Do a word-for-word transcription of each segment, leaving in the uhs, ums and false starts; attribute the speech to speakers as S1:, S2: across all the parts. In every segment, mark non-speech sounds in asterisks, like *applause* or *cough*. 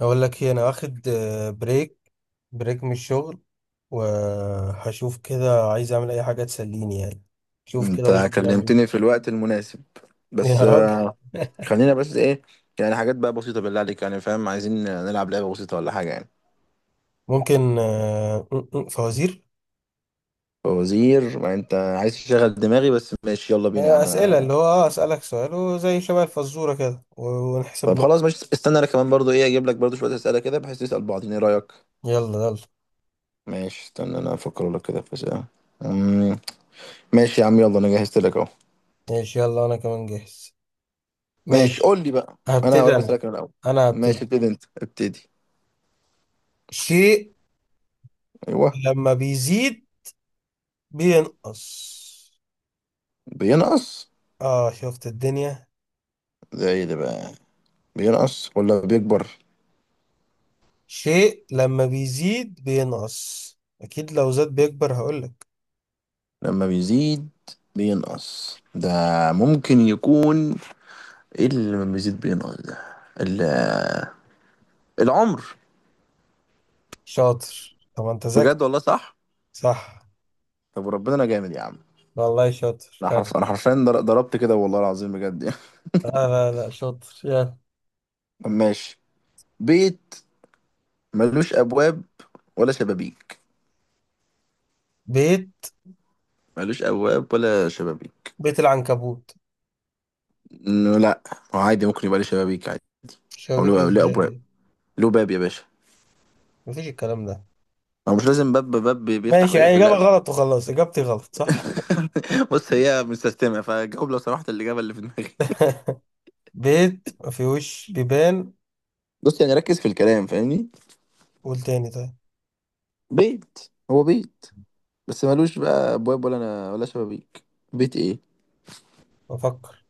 S1: اقول لك ايه، انا واخد آه، بريك بريك من الشغل. وهشوف كده، عايز اعمل اي حاجه تسليني يعني. شوف كده
S2: انت
S1: ممكن نعمل.
S2: كلمتني في الوقت المناسب.
S1: إيه. يا
S2: بس
S1: راجل.
S2: آه،
S1: *laughs*
S2: خلينا بس ايه؟ يعني حاجات بقى بسيطة بالله عليك، يعني فاهم، عايزين نلعب لعبة بسيطة ولا حاجة يعني.
S1: ممكن آه، م- م- فوازير.
S2: فوزير، ما انت عايز تشغل دماغي، بس ماشي يلا بينا يا
S1: آه،
S2: عم.
S1: اسئله،
S2: أنا-
S1: اللي هو اه اسالك سؤال وزي شبه الفزوره كده و- ونحسب
S2: طب
S1: نقط.
S2: خلاص ماشي، استنى انا كمان برضو ايه، اجيب لك برضو شوية أسئلة كده، بحيث نسأل بعضين. ايه رأيك؟
S1: يلا يلا.
S2: ماشي استنى انا افكر لك كده في أسئلة. أمم، ماشي يا عم، يلا انا جهزت لك اهو.
S1: ماشي يلا انا كمان جاهز.
S2: ماشي
S1: ماشي.
S2: قول لي بقى. انا
S1: هبتدي
S2: هقول
S1: انا
S2: اسألك انا الاول.
S1: انا
S2: ماشي
S1: هبتدي.
S2: ابتدي انت، ابتدي.
S1: شيء
S2: ايوه.
S1: لما بيزيد بينقص.
S2: بينقص؟
S1: اه شفت الدنيا.
S2: ده ايه ده بقى؟ بينقص ولا بيكبر؟
S1: شيء لما بيزيد بينقص، اكيد لو زاد بيكبر هقولك.
S2: لما بيزيد بينقص ده، ممكن يكون ايه اللي لما بيزيد بينقص ده؟ ال- العمر.
S1: شاطر، طب ما انت ذكي.
S2: بجد والله صح؟
S1: صح.
S2: طب وربنا انا جامد يا عم.
S1: والله شاطر،
S2: انا
S1: لا
S2: حرف، انا حرفيا در- ضربت كده، والله العظيم بجد يعني.
S1: لا لا شاطر يا.
S2: *laughs* طب ماشي. بيت ملوش ابواب ولا شبابيك.
S1: بيت
S2: ملوش ابواب ولا شبابيك.
S1: بيت العنكبوت.
S2: إنه لا، هو عادي ممكن يبقى ليه شبابيك عادي، او
S1: شبابيك
S2: له، له ابواب.
S1: ازاي؟
S2: له باب يا باشا.
S1: مفيش الكلام ده.
S2: هو مش لازم باب، باب بيفتح
S1: ماشي، يعني
S2: ويقفل،
S1: اجابة
S2: لا.
S1: غلط وخلاص، اجابتي غلط صح.
S2: *laughs* بص، هي مستسلمه فجاوب لو سمحت الاجابه اللي في دماغي.
S1: بيت مفيهوش بيبان.
S2: بص يعني ركز في الكلام، فاهمني؟
S1: قول تاني طيب.
S2: بيت هو بيت، بس ملوش بقى ابواب ولا أنا ولا شبابيك. بيت ايه؟
S1: بفكر.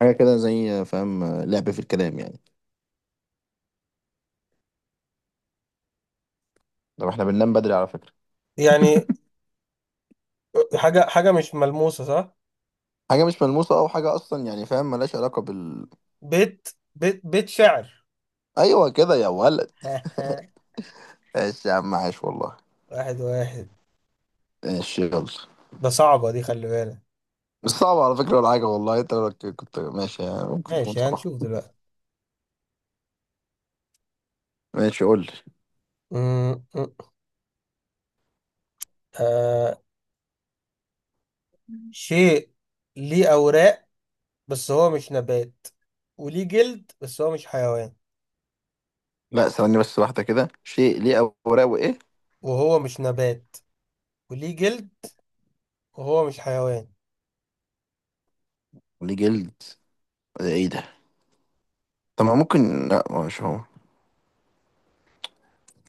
S2: حاجه كده زي فاهم، لعب في الكلام يعني. طب احنا بننام بدري على فكره.
S1: يعني حاجة، حاجة مش ملموسة صح.
S2: حاجه مش ملموسه، او حاجه اصلا يعني فاهم، ملهاش علاقه بال.
S1: بيت بيت بيت شعر.
S2: ايوه كده يا ولد.
S1: *laughs*
S2: ماشي يا عم، عاش والله.
S1: واحد واحد.
S2: ماشي يلا.
S1: ده صعبة دي، خلي بالك.
S2: مش صعبه على فكره ولا حاجه والله، انت لو كنت ماشي يعني ممكن تكون
S1: ماشي
S2: صعبه.
S1: هنشوف دلوقتي.
S2: ماشي قول لي.
S1: م- م- آه شيء ليه أوراق، بس هو مش نبات، وليه جلد بس هو مش حيوان.
S2: لا ثواني بس واحده كده، شيء ليه اوراق وايه؟
S1: وهو مش نبات، وليه جلد، وهو مش حيوان.
S2: ليه جلد؟ ده ايه ده؟ طب ما ممكن، لا مش هو.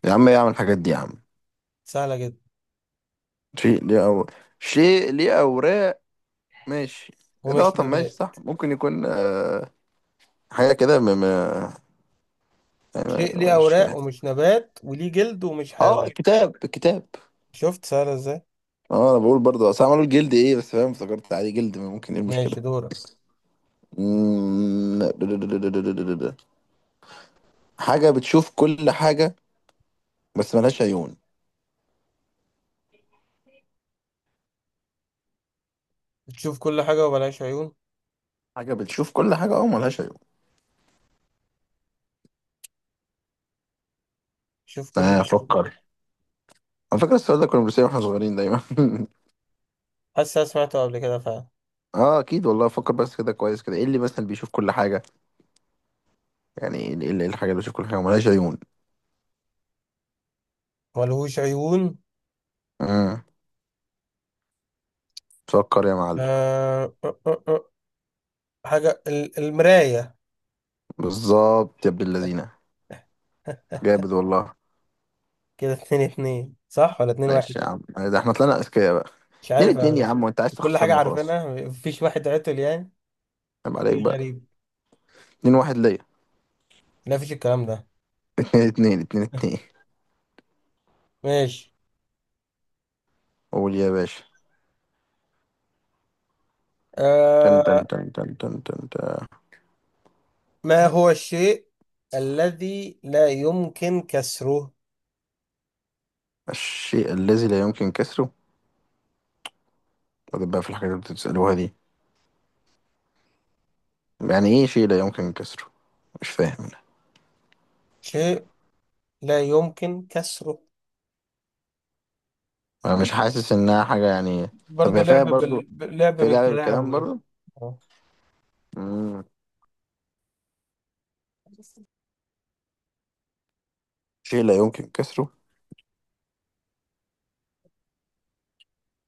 S2: يا عم ايه اعمل الحاجات دي يا عم.
S1: سهلة جدا.
S2: شيء ليه أو، شيء ليه أوراق. ماشي. إيه ده؟
S1: ومش
S2: طب ماشي
S1: نبات.
S2: صح، ممكن يكون آه حاجة كده م... م...
S1: شيء ليه
S2: أنا مش
S1: أوراق،
S2: فاهم.
S1: ومش نبات، وليه جلد، ومش
S2: اه
S1: حيوان.
S2: كتاب، كتاب.
S1: شفت سهلة ازاي؟
S2: اه انا بقول برضه، اصل عملوا الجلد ايه، بس فاهم افتكرت عادي، جلد ممكن، ايه المشكلة؟
S1: ماشي دورك.
S2: مم. حاجة بتشوف كل حاجة بس ملهاش عيون.
S1: بتشوف كل حاجة وبلاش عيون.
S2: حاجة بتشوف كل حاجة، اه ملهاش عيون.
S1: شوف كل
S2: آه
S1: حاجة.
S2: فكر. على فكرة السؤال ده كنا بنسأله واحنا صغيرين دايما.
S1: حاسس أنا سمعته قبل كده فعلا.
S2: *laughs* اه اكيد والله، فكر بس كده كويس كده. ايه اللي مثلا بيشوف كل حاجة؟ يعني ايه إيه- إيه الحاجة اللي بتشوف كل حاجة وملهاش عيون؟
S1: ملهوش عيون.
S2: امم، سكر يا معلم.
S1: آه... آه، آه، آه. حاجة، ال- المراية.
S2: بالظبط يا ابن اللذينة.
S1: *laughs*
S2: جامد والله.
S1: كده اتنين اتنين، صح ولا اتنين واحد؟
S2: ماشي يا عم، آه، ده احنا طلعنا اذكياء بقى.
S1: مش
S2: اتنين
S1: عارف
S2: اتنين يا
S1: أنا.
S2: عم، وانت عايز
S1: كل حاجة
S2: تخسرني وخلاص.
S1: عارفينها، مفيش واحد عطل يعني.
S2: عيب عليك
S1: إيه
S2: بقى.
S1: غريب.
S2: اتنين واحد ليا. *laughs*
S1: لا مفيش الكلام ده.
S2: اتنين. اتنين اتنين اتنين.
S1: *laughs* ماشي.
S2: قول يا باشا. تن تن
S1: آه
S2: تن تن تن تن تن.
S1: ما هو الشيء الذي لا يمكن كسره.
S2: الشيء الذي لا يمكن كسره؟ وده بقى في الحاجات اللي بتسألوها دي؟ يعني ايه شيء لا يمكن كسره؟ مش فاهم انا.
S1: شيء لا يمكن كسره.
S2: أنا مش حاسس انها حاجة يعني. طب
S1: برضه
S2: هي
S1: لعب
S2: فيها
S1: بال...
S2: برضو،
S1: بال- لعب
S2: في لعبة بالكلام
S1: بالكلام.
S2: برضو.
S1: آه.
S2: مم. شيء لا يمكن كسره.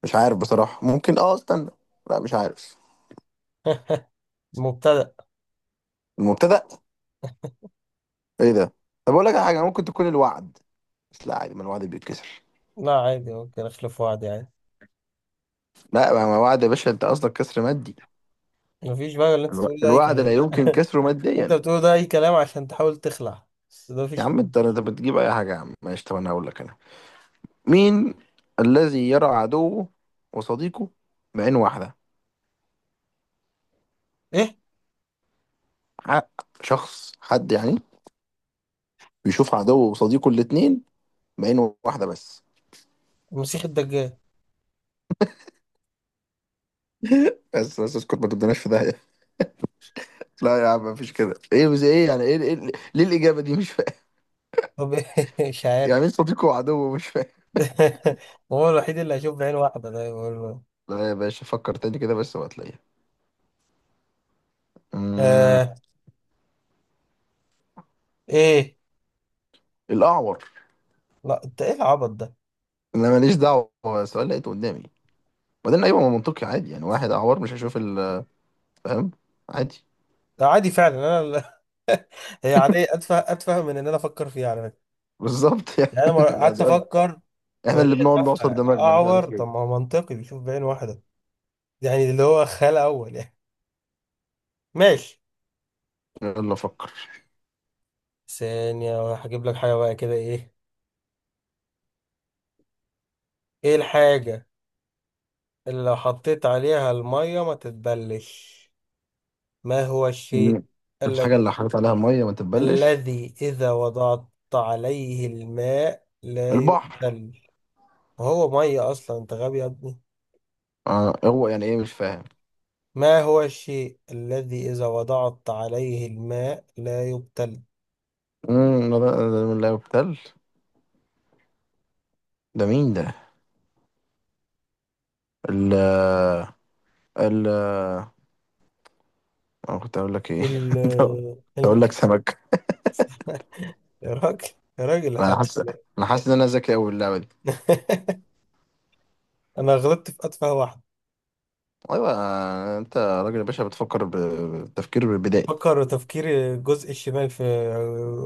S2: مش عارف بصراحة، ممكن اه استنى. لا مش عارف.
S1: مبتدأ.
S2: المبتدأ؟ ايه ده؟ طب اقول لك على حاجة ممكن تكون الوعد، بس لا عادي ما الوعد بيتكسر.
S1: لا عادي، ممكن اخلف واحد يعني.
S2: لا، ما ما وعد يا باشا، انت قصدك كسر مادي.
S1: مفيش بقى، اللي انت
S2: الو-
S1: تقول ده اي
S2: الوعد لا
S1: كلام.
S2: يمكن
S1: *laughs*
S2: كسره
S1: انت
S2: ماديا.
S1: بتقول ده اي كلام عشان تحاول تخلع، بس ده
S2: يا
S1: مفيش
S2: عم
S1: منه.
S2: انت، انت بتجيب اي حاجة يا عم. ماشي طب انا هقول لك انا. مين الذي يرى عدوه وصديقه بعين واحدة؟
S1: ايه،
S2: حق شخص، حد يعني بيشوف عدوه وصديقه الاتنين بعين واحدة بس.
S1: المسيح الدجال.
S2: بس بس اسكت ما تبدناش في ده. لا يا عم، مفيش كده ايه بس ايه، يعني ايه، إيه؟ ليه الاجابه دي؟ مش فاهم.
S1: طب. *laughs* مش
S2: *laughs*
S1: عارف.
S2: يعني مين صديقه وعدوه؟ مش فاهم.
S1: *laughs* هو الوحيد اللي هشوف بعين واحدة ده، بقول له.
S2: لا يا باشا، فكر تاني كده بس وهتلاقيها. امم.
S1: آه ايه.
S2: الاعور.
S1: لا انت ايه العبط ده.
S2: انا ماليش دعوه، هو السؤال لقيته قدامي. وبعدين ايوه، ما منطقي عادي، يعني واحد اعور مش هيشوف ال، فاهم، عادي.
S1: ده عادي فعلا، انا ال- *laughs* هي عادية، اتفه اتفه من ان انا افكر فيها على فكرة.
S2: بالظبط يعني.
S1: يعني انا ما-
S2: *laughs* ده
S1: قعدت
S2: سؤال
S1: افكر.
S2: احنا اللي
S1: وهي
S2: بنقعد
S1: تافهة.
S2: نعصر دماغنا مش عارف
S1: اعور،
S2: ليه.
S1: طب ما هو منطقي بيشوف بعين واحدة. يعني اللي هو خال اول يعني. ماشي.
S2: يلا فكر.
S1: ثانية، هجيب لك حاجة بقى كده. ايه ايه الحاجة اللي لو حطيت عليها المية ما تتبلش؟ ما هو الشيء
S2: مم. الحاجه اللي
S1: الذي
S2: حاطط عليها ميه ما تتبلش.
S1: الذي إذا وضعت عليه الماء لا
S2: البحر.
S1: يبخل. هو مية أصلا، أنت غبي يا ابني.
S2: آه هو يعني ايه؟ مش فاهم.
S1: ما هو الشيء الذي إذا وضعت عليه الماء لا يبتل.
S2: امم، لا لا- لا- لا يقتل. ده مين ده؟ ال، ال، انا كنت اقول لك ايه،
S1: ال
S2: *laughs* كنت
S1: ال
S2: اقول لك سمك.
S1: يا راجل، يا راجل
S2: انا
S1: حرام
S2: حاسس،
S1: عليك.
S2: انا حاسس ان انا ذكي قوي اللعبه دي.
S1: *laughs* أنا غلطت في أتفه واحد.
S2: ايوه. انت راجل يا باشا بتفكر ب- بتفكير بدائي.
S1: فكر تفكير الجزء الشمال في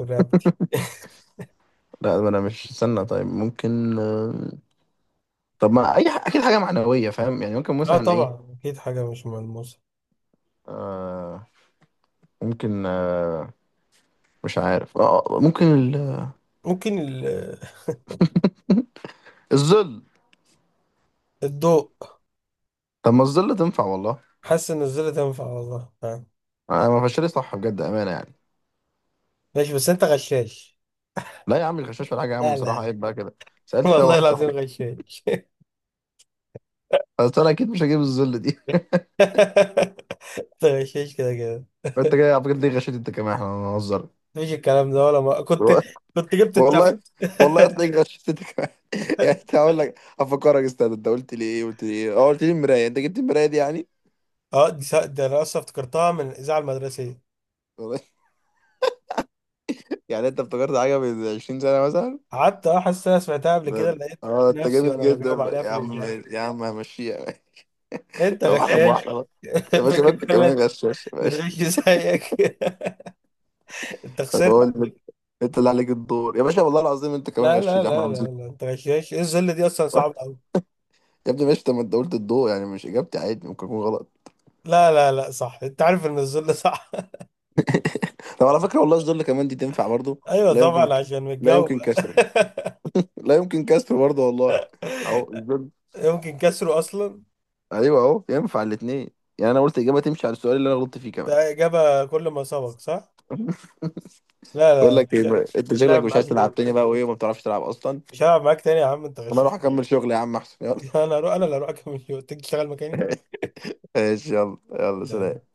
S1: رقبتي. *laughs*
S2: لا ما انا مش استنى، طيب ممكن آه، طب ما اي ح- اكيد حاجه معنويه فاهم، يعني ممكن
S1: اه
S2: مثلا ايه؟
S1: طبعا أكيد حاجة مش ملموسة.
S2: آه، ممكن آه، مش عارف آه آه، ممكن ال...
S1: ممكن ال-
S2: الظل.
S1: الضوء.
S2: طب ما الظل تنفع والله.
S1: حاسس إن الزر تنفع والله آه.
S2: انا ما فشلت صح بجد، امانه يعني.
S1: ماشي بس أنت غشاش.
S2: لا يا عم، الغشاش ولا حاجه يا عم
S1: لا لا
S2: بصراحه،
S1: لا،
S2: عيب بقى كده. سالت فيها
S1: والله
S2: واحد
S1: العظيم
S2: صاحبي.
S1: غشاش.
S2: بس انا اكيد مش هجيب الظل دي.
S1: *laughs* انت غشاش كده كده.
S2: انت جاي على فكره ليه غشيت انت كمان؟ احنا هنهزر.
S1: مفيش الكلام ده، ولا ما كنت
S2: *laughs*
S1: كنت جبت التفه.
S2: والله. والله
S1: *laughs*
S2: تلاقيك غشيت انت كمان. *laughs* يعني انت، هقول لك افكرك استاذ، انت قلت لي ايه، قلت لي ايه، اه قلت لي المرايه، انت جبت المرايه دي يعني.
S1: اه دي سا- ده انا اصلا افتكرتها من الاذاعه المدرسيه.
S2: *laughs* والله. يعني انت افتكرت حاجه من عشرين سنه مثلا.
S1: قعدت اه حاسس إن انا سمعتها قبل كده.
S2: ده-
S1: لقيت
S2: اه انت
S1: نفسي
S2: جامد
S1: وانا
S2: جدا
S1: بجاوب عليها
S2: يا
S1: في
S2: عم،
S1: الاذاعه،
S2: يا عم همشيها. *laughs*
S1: لقيت انت
S2: واحده
S1: غشاش. *laughs*
S2: بواحده بقى. يا باشا ما
S1: فاكر
S2: انت
S1: كل
S2: كمان
S1: الناس
S2: غشاش يا باشا.
S1: بتغش زيك. *laughs* انت خسرت.
S2: قول لي، انت اللي عليك الدور يا باشا، والله العظيم انت كمان
S1: لا لا
S2: غشيت،
S1: لا
S2: احنا
S1: لا
S2: هنزيد.
S1: لا انت غشاش، ايه الذله دي اصلا صعبه
S2: *laughs*
S1: قوي.
S2: يا ابني ماشي، طب ما انت قلت الضوء، يعني مش اجابتي؟ عادي ممكن اكون غلط.
S1: لا لا لا صح، انت عارف ان الذله صح.
S2: طب على فكرة والله الظل كمان دي تنفع برضو.
S1: *laughs* ايوه
S2: لا
S1: طبعا
S2: يمكن،
S1: عشان
S2: لا
S1: متجاوب.
S2: يمكن كسر، لا يمكن كسر برضو والله. اهو
S1: *laughs*
S2: الظل.
S1: يمكن كسره اصلا.
S2: ايوه اهو ينفع الاثنين. يعني انا قلت اجابه تمشي على السؤال اللي انا غلطت فيه كمان.
S1: ده اجابه كل ما سبق صح. لا لا
S2: بقول
S1: لا،
S2: لك ايه
S1: مش
S2: بقى، انت
S1: مش
S2: شكلك
S1: لاعب
S2: مش
S1: معاك
S2: عايز تلعب
S1: تاني.
S2: تاني بقى وايه، وما بتعرفش تلعب اصلا.
S1: مش هلعب معاك تاني يا عم، انت
S2: انا اروح
S1: غشاش. *laughs*
S2: اكمل شغل يا عم احسن، يلا.
S1: انا هروح انا اللي هروح اكمل. *laughs* يوم تيجي تشتغل مكاني.
S2: ماشي يلا يلا
S1: لا.
S2: سلام.